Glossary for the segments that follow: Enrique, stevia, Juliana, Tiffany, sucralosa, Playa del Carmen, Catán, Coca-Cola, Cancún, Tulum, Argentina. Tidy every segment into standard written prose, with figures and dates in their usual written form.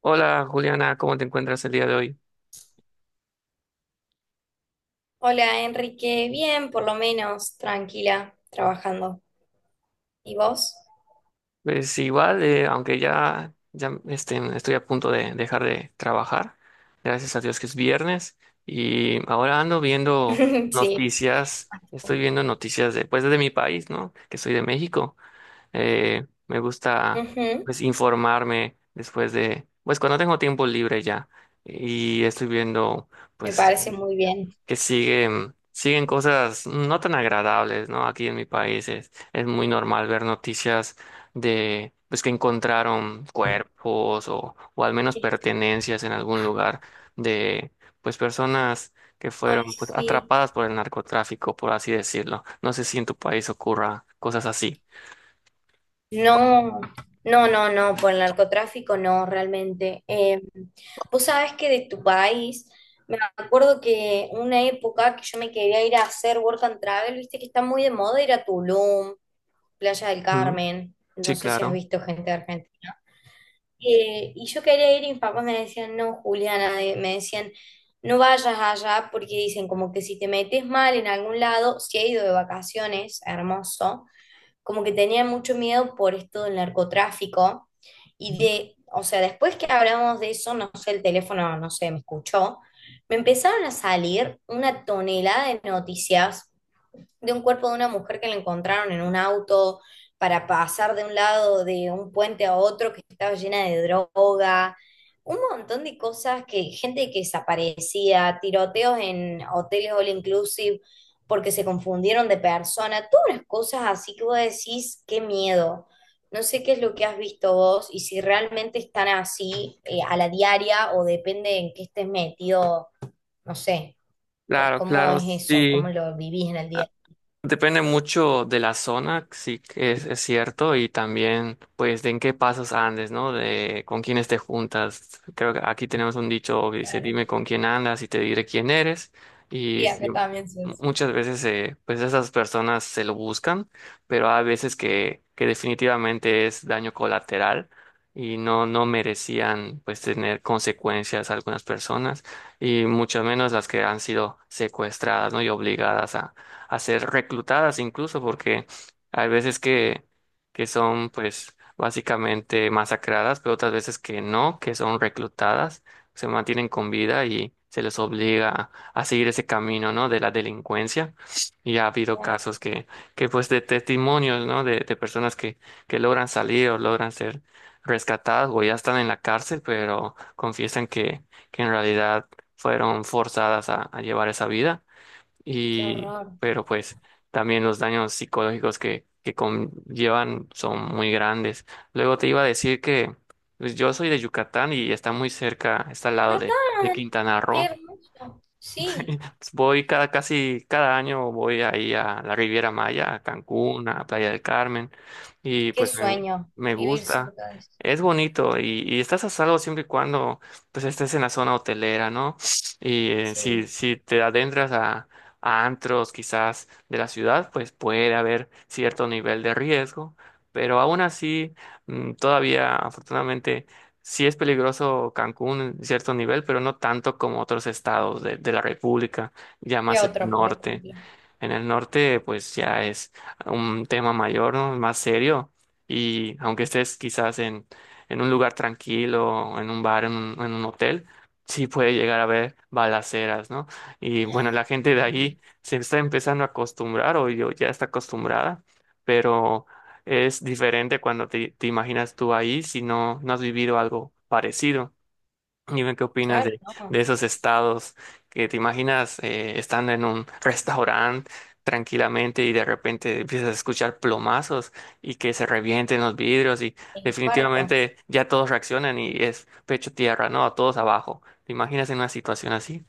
Hola Juliana, ¿cómo te encuentras el día de hoy? Hola Enrique, bien, por lo menos, tranquila, trabajando. ¿Y vos? Pues igual, aunque ya, estoy a punto de dejar de trabajar, gracias a Dios que es viernes, y ahora ando viendo Sí. noticias, estoy viendo noticias pues, de mi país, ¿no? Que soy de México. Me gusta Ujú. pues informarme pues cuando tengo tiempo libre ya, y estoy viendo Me pues parece muy bien. que siguen cosas no tan agradables, ¿no? Aquí en mi país es muy normal ver noticias pues que encontraron cuerpos o al menos pertenencias en algún lugar de, pues personas que Ay, fueron pues, sí. atrapadas por el narcotráfico, por así decirlo. No sé si en tu país ocurra cosas así. No, no, no, no, por el narcotráfico no, realmente. Vos sabés que de tu país, me acuerdo que una época que yo me quería ir a hacer work and travel, viste que está muy de moda ir a Tulum, Playa del Mm, Carmen. No sí, sé si has claro. visto gente de Argentina. Y yo quería ir y mis papás me decían, no, Juliana, me decían, no vayas allá porque dicen como que si te metes mal en algún lado, si he ido de vacaciones, hermoso, como que tenía mucho miedo por esto del narcotráfico y Ujú. de, o sea, después que hablamos de eso, no sé, el teléfono, no sé, me escuchó, me empezaron a salir una tonelada de noticias de un cuerpo de una mujer que le encontraron en un auto para pasar de un lado de un puente a otro que estaba llena de droga, un montón de cosas que gente que desaparecía, tiroteos en hoteles all inclusive porque se confundieron de persona, todas las cosas así que vos decís, qué miedo. No sé qué es lo que has visto vos y si realmente están así a la diaria o depende en qué estés metido, no sé, Claro, cómo claro, es eso, cómo sí. lo vivís en el día. Depende mucho de la zona, sí que es cierto, y también pues de en qué pasos andes, ¿no? De con quiénes te juntas. Creo que aquí tenemos un dicho que dice, Claro. dime con quién andas y te diré quién eres. Y Y sí, acá también se hace. muchas veces pues esas personas se lo buscan, pero hay veces que definitivamente es daño colateral y no merecían pues tener consecuencias algunas personas y mucho menos las que han sido secuestradas, ¿no? Y obligadas a ser reclutadas incluso, porque hay veces que son pues básicamente masacradas, pero otras veces que no, que son reclutadas, se mantienen con vida y se les obliga a seguir ese camino, ¿no? De la delincuencia. Y ha habido Claro, casos que pues de testimonios, ¿no? De personas que logran salir o logran ser rescatadas o ya están en la cárcel, pero confiesan que en realidad fueron forzadas a llevar esa vida qué y, horror. pero pues también los daños psicológicos que conllevan son muy grandes. Luego te iba a decir que pues, yo soy de Yucatán y está muy cerca, está al lado de Catán, Quintana qué Roo. hermoso. Sí, Voy cada, casi cada año, voy ahí a la Riviera Maya, a Cancún, a Playa del Carmen, y qué pues sueño me vivir gusta. cerca de eso. Es bonito y estás a salvo siempre y cuando pues estés en la zona hotelera, ¿no? Y Sí. si te adentras a antros quizás de la ciudad, pues puede haber cierto nivel de riesgo, pero aún así, todavía afortunadamente sí es peligroso Cancún en cierto nivel, pero no tanto como otros estados de la República, ya ¿Qué más en el otro, por norte. ejemplo? En el norte, pues ya es un tema mayor, ¿no? Más serio. Y aunque estés quizás en un lugar tranquilo, en un bar, en un hotel, sí puede llegar a haber balaceras, ¿no? Y bueno, la gente de ahí se está empezando a acostumbrar, o yo ya está acostumbrada, pero es diferente cuando te imaginas tú ahí si no, no has vivido algo parecido. Dime qué opinas Claro, no. de esos estados que te imaginas estando en un restaurante tranquilamente y de repente empiezas a escuchar plomazos y que se revienten los vidrios y Me infarto. definitivamente ya todos reaccionan y es pecho tierra, ¿no? Todos abajo. ¿Te imaginas en una situación así?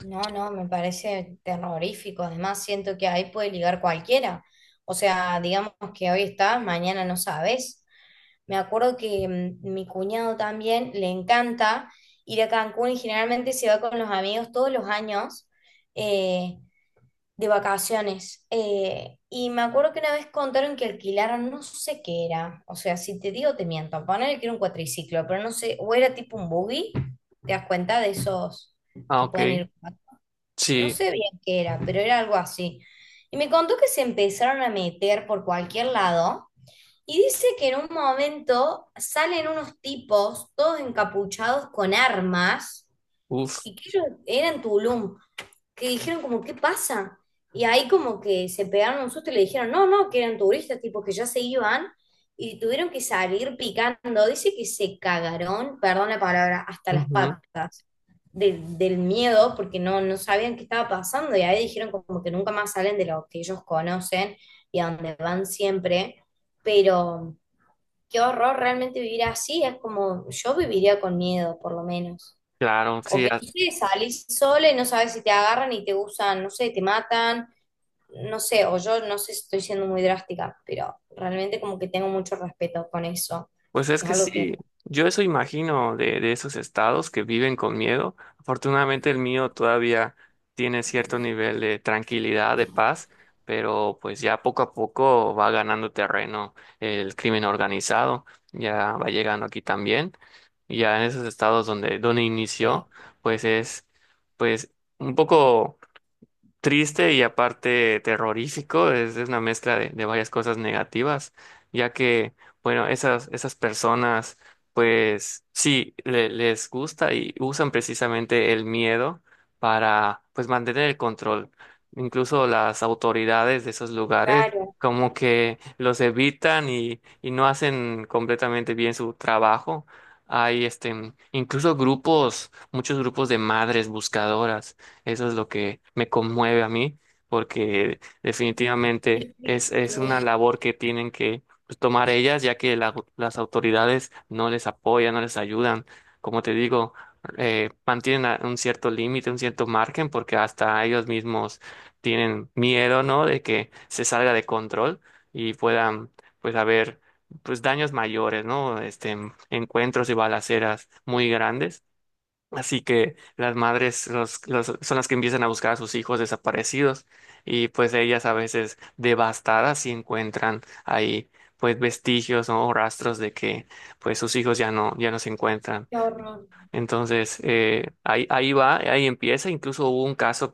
No, no, me parece terrorífico. Además, siento que ahí puede ligar cualquiera. O sea, digamos que hoy estás, mañana no sabes. Me acuerdo que mi cuñado también le encanta ir a Cancún y generalmente se va con los amigos todos los años, eh, de vacaciones. Y me acuerdo que una vez contaron que alquilaron, no sé qué era. O sea, si te digo, te miento. Poner que era un cuatriciclo, pero no sé, o era tipo un buggy. ¿Te das cuenta de esos Ah, que ok. pueden ir? No Sí. sé bien qué era, pero era algo así. Y me contó que se empezaron a meter por cualquier lado y dice que en un momento salen unos tipos, todos encapuchados con armas, Uff. y que ellos eran Tulum, que dijeron como, ¿qué pasa? Y ahí como que se pegaron un susto y le dijeron, no, no, que eran turistas, tipo que ya se iban y tuvieron que salir picando. Dice que se cagaron, perdón la palabra, hasta las patas del miedo porque no, no sabían qué estaba pasando y ahí dijeron como que nunca más salen de lo que ellos conocen y a donde van siempre. Pero qué horror realmente vivir así, es como yo viviría con miedo por lo menos. Claro, O sí, que no sé, salís sola y no sabes si te agarran y te usan, no sé, te matan, no sé, o yo no sé si estoy siendo muy drástica, pero realmente como que tengo mucho respeto con eso, pues es que es que algo que sí, yo eso imagino de esos estados que viven con miedo. Afortunadamente el mío todavía tiene cierto nivel de tranquilidad, de paz, pero pues ya poco a poco va ganando terreno el crimen organizado, ya va llegando aquí también, y ya en esos estados donde veo. inició, pues es pues un poco triste y aparte terrorífico, es una mezcla de varias cosas negativas, ya que, bueno, esas personas, pues sí, le- les gusta y usan precisamente el miedo para, pues, mantener el control. Incluso las autoridades de esos lugares Claro, como que los evitan y no hacen completamente bien su trabajo. Hay este, incluso grupos, muchos grupos de madres buscadoras, eso es lo que me conmueve a mí, porque qué definitivamente es una triste, labor que tienen que pues, tomar ellas, ya que la- las autoridades no les apoyan, no les ayudan. Como te digo, mantienen a- un cierto límite, un cierto margen, porque hasta ellos mismos tienen miedo, ¿no? De que se salga de control y puedan, pues, haber, pues, daños mayores, ¿no? Este, encuentros y balaceras muy grandes. Así que las madres los- son las que empiezan a buscar a sus hijos desaparecidos y pues ellas a veces devastadas si encuentran ahí pues vestigios, ¿no? O rastros de que pues sus hijos ya no, ya no se encuentran. qué horror. Entonces ahí va, ahí empieza. Incluso hubo un caso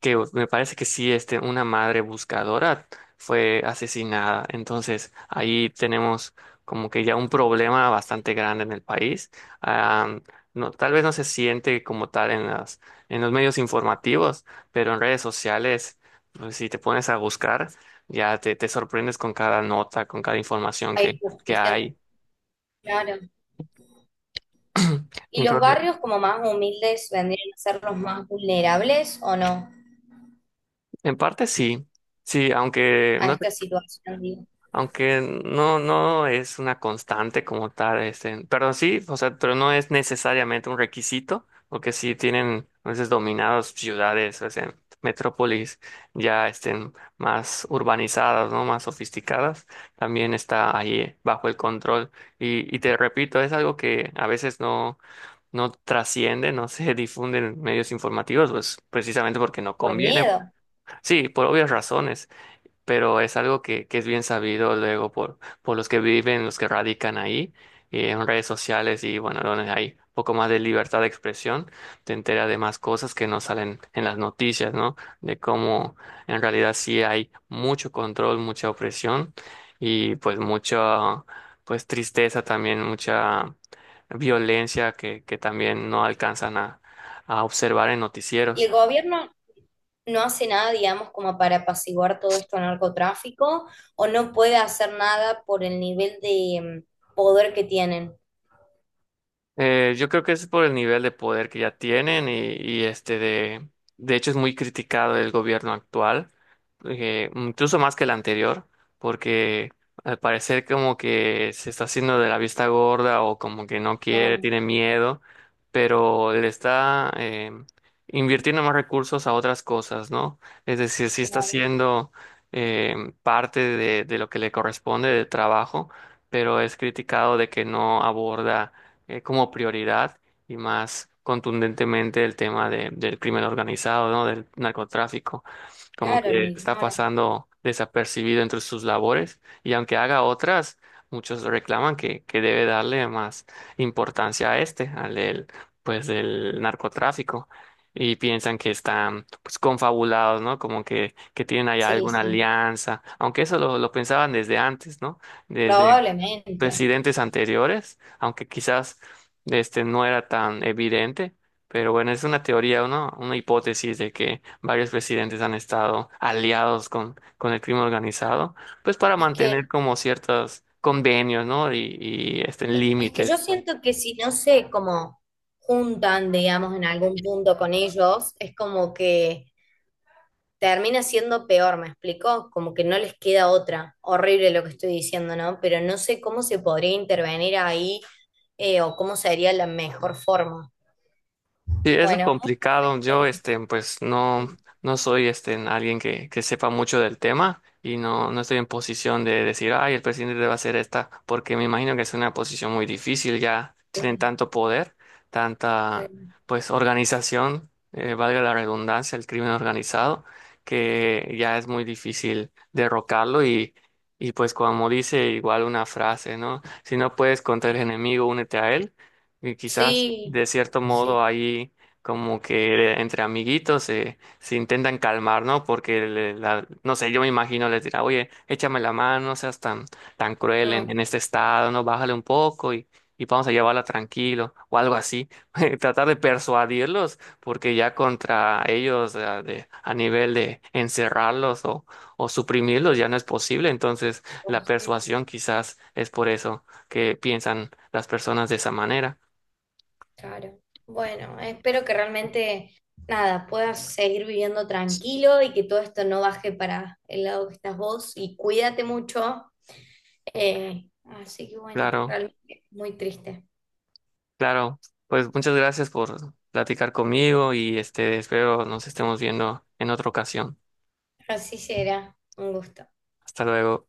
que me parece que sí, este, una madre buscadora fue asesinada. Entonces, ahí tenemos como que ya un problema bastante grande en el país. Am, no, tal vez no se siente como tal en en los medios informativos, pero en redes sociales, pues, si te pones a buscar, ya te sorprendes con cada nota, con cada información Hay que justicia, hay. claro. ¿Y los Entonces, barrios como más humildes vendrían a ser los más vulnerables o no en parte sí. Sí, aunque a no, esta situación, digo, aunque no, no es una constante como tal, este, pero sí, o sea, pero no es necesariamente un requisito, porque sí tienen a veces dominados ciudades, o sea, metrópolis ya estén más urbanizadas, ¿no? Más sofisticadas, también está ahí bajo el control. Y te repito, es algo que a veces no, no trasciende, no se difunde en medios informativos, pues precisamente porque no por conviene. miedo? Sí, por obvias razones, pero es algo que es bien sabido luego por los que viven, los que radican ahí, en redes sociales y bueno, donde hay un poco más de libertad de expresión, te entera de más cosas que no salen en las noticias, ¿no? De cómo en realidad sí hay mucho control, mucha opresión y pues mucha, pues tristeza también, mucha violencia que también no alcanzan a observar en ¿Y el noticieros. gobierno no hace nada, digamos, como para apaciguar todo esto al narcotráfico, o no puede hacer nada por el nivel de poder que tienen? Yo creo que es por el nivel de poder que ya tienen y, este de hecho es muy criticado el gobierno actual, incluso más que el anterior, porque al parecer como que se está haciendo de la vista gorda o como que no quiere, No, tiene miedo, pero le está invirtiendo más recursos a otras cosas, ¿no? Es decir, sí está claro, haciendo eh, parte de lo que le corresponde de trabajo, pero es criticado de que no aborda como prioridad y más contundentemente el tema de- del crimen organizado, ¿no? Del narcotráfico, como claro, lo que está ignora. pasando desapercibido entre sus labores y aunque haga otras, muchos reclaman que debe darle más importancia a este, al del, pues, del narcotráfico. Y piensan que están pues confabulados, ¿no? Como que tienen allá Sí, alguna sí, alianza, aunque eso lo pensaban desde antes, ¿no? Desde probablemente. presidentes anteriores, aunque quizás este no era tan evidente, pero bueno, es una teoría, una hipótesis de que varios presidentes han estado aliados con el crimen organizado, pues para Es mantener que, como ciertos convenios, ¿no? Y este, es que yo límites. siento que si no se como juntan, digamos, en algún punto con ellos, es como que termina siendo peor, ¿me explico? Como que no les queda otra. Horrible lo que estoy diciendo, ¿no? Pero no sé cómo se podría intervenir ahí, o cómo sería la mejor forma. Sí, es lo Bueno, complicado. Yo, eh, este, pues no, no soy, este, alguien que sepa mucho del tema y no, no estoy en posición de decir, ay, el presidente debe hacer esta, porque me imagino que es una posición muy difícil. Ya tienen eh, tanto poder, re- tanta, pues, organización, valga la redundancia, el crimen organizado, que ya es muy difícil derrocarlo y pues, como dice igual una frase, ¿no? Si no puedes contra el enemigo, únete a él. Y quizás sí, de cierto sí. modo ahí como que entre amiguitos se intentan calmar, ¿no? Porque, le- la, no sé, yo me imagino les dirá, oye, échame la mano, no seas tan, tan cruel Mm, en este estado, ¿no? Bájale un poco y vamos a llevarla tranquilo o algo así. Tratar de persuadirlos, porque ya contra ellos a, de- a nivel de encerrarlos o suprimirlos ya no es posible. Entonces, la posible, persuasión quizás es por eso que piensan las personas de esa manera. claro. Bueno, espero que realmente, nada, puedas seguir viviendo tranquilo y que todo esto no baje para el lado que estás vos y cuídate mucho. Así que bueno, Claro. realmente muy triste. Claro, pues muchas gracias por platicar conmigo y este espero nos estemos viendo en otra ocasión. Así será. Un gusto. Hasta luego.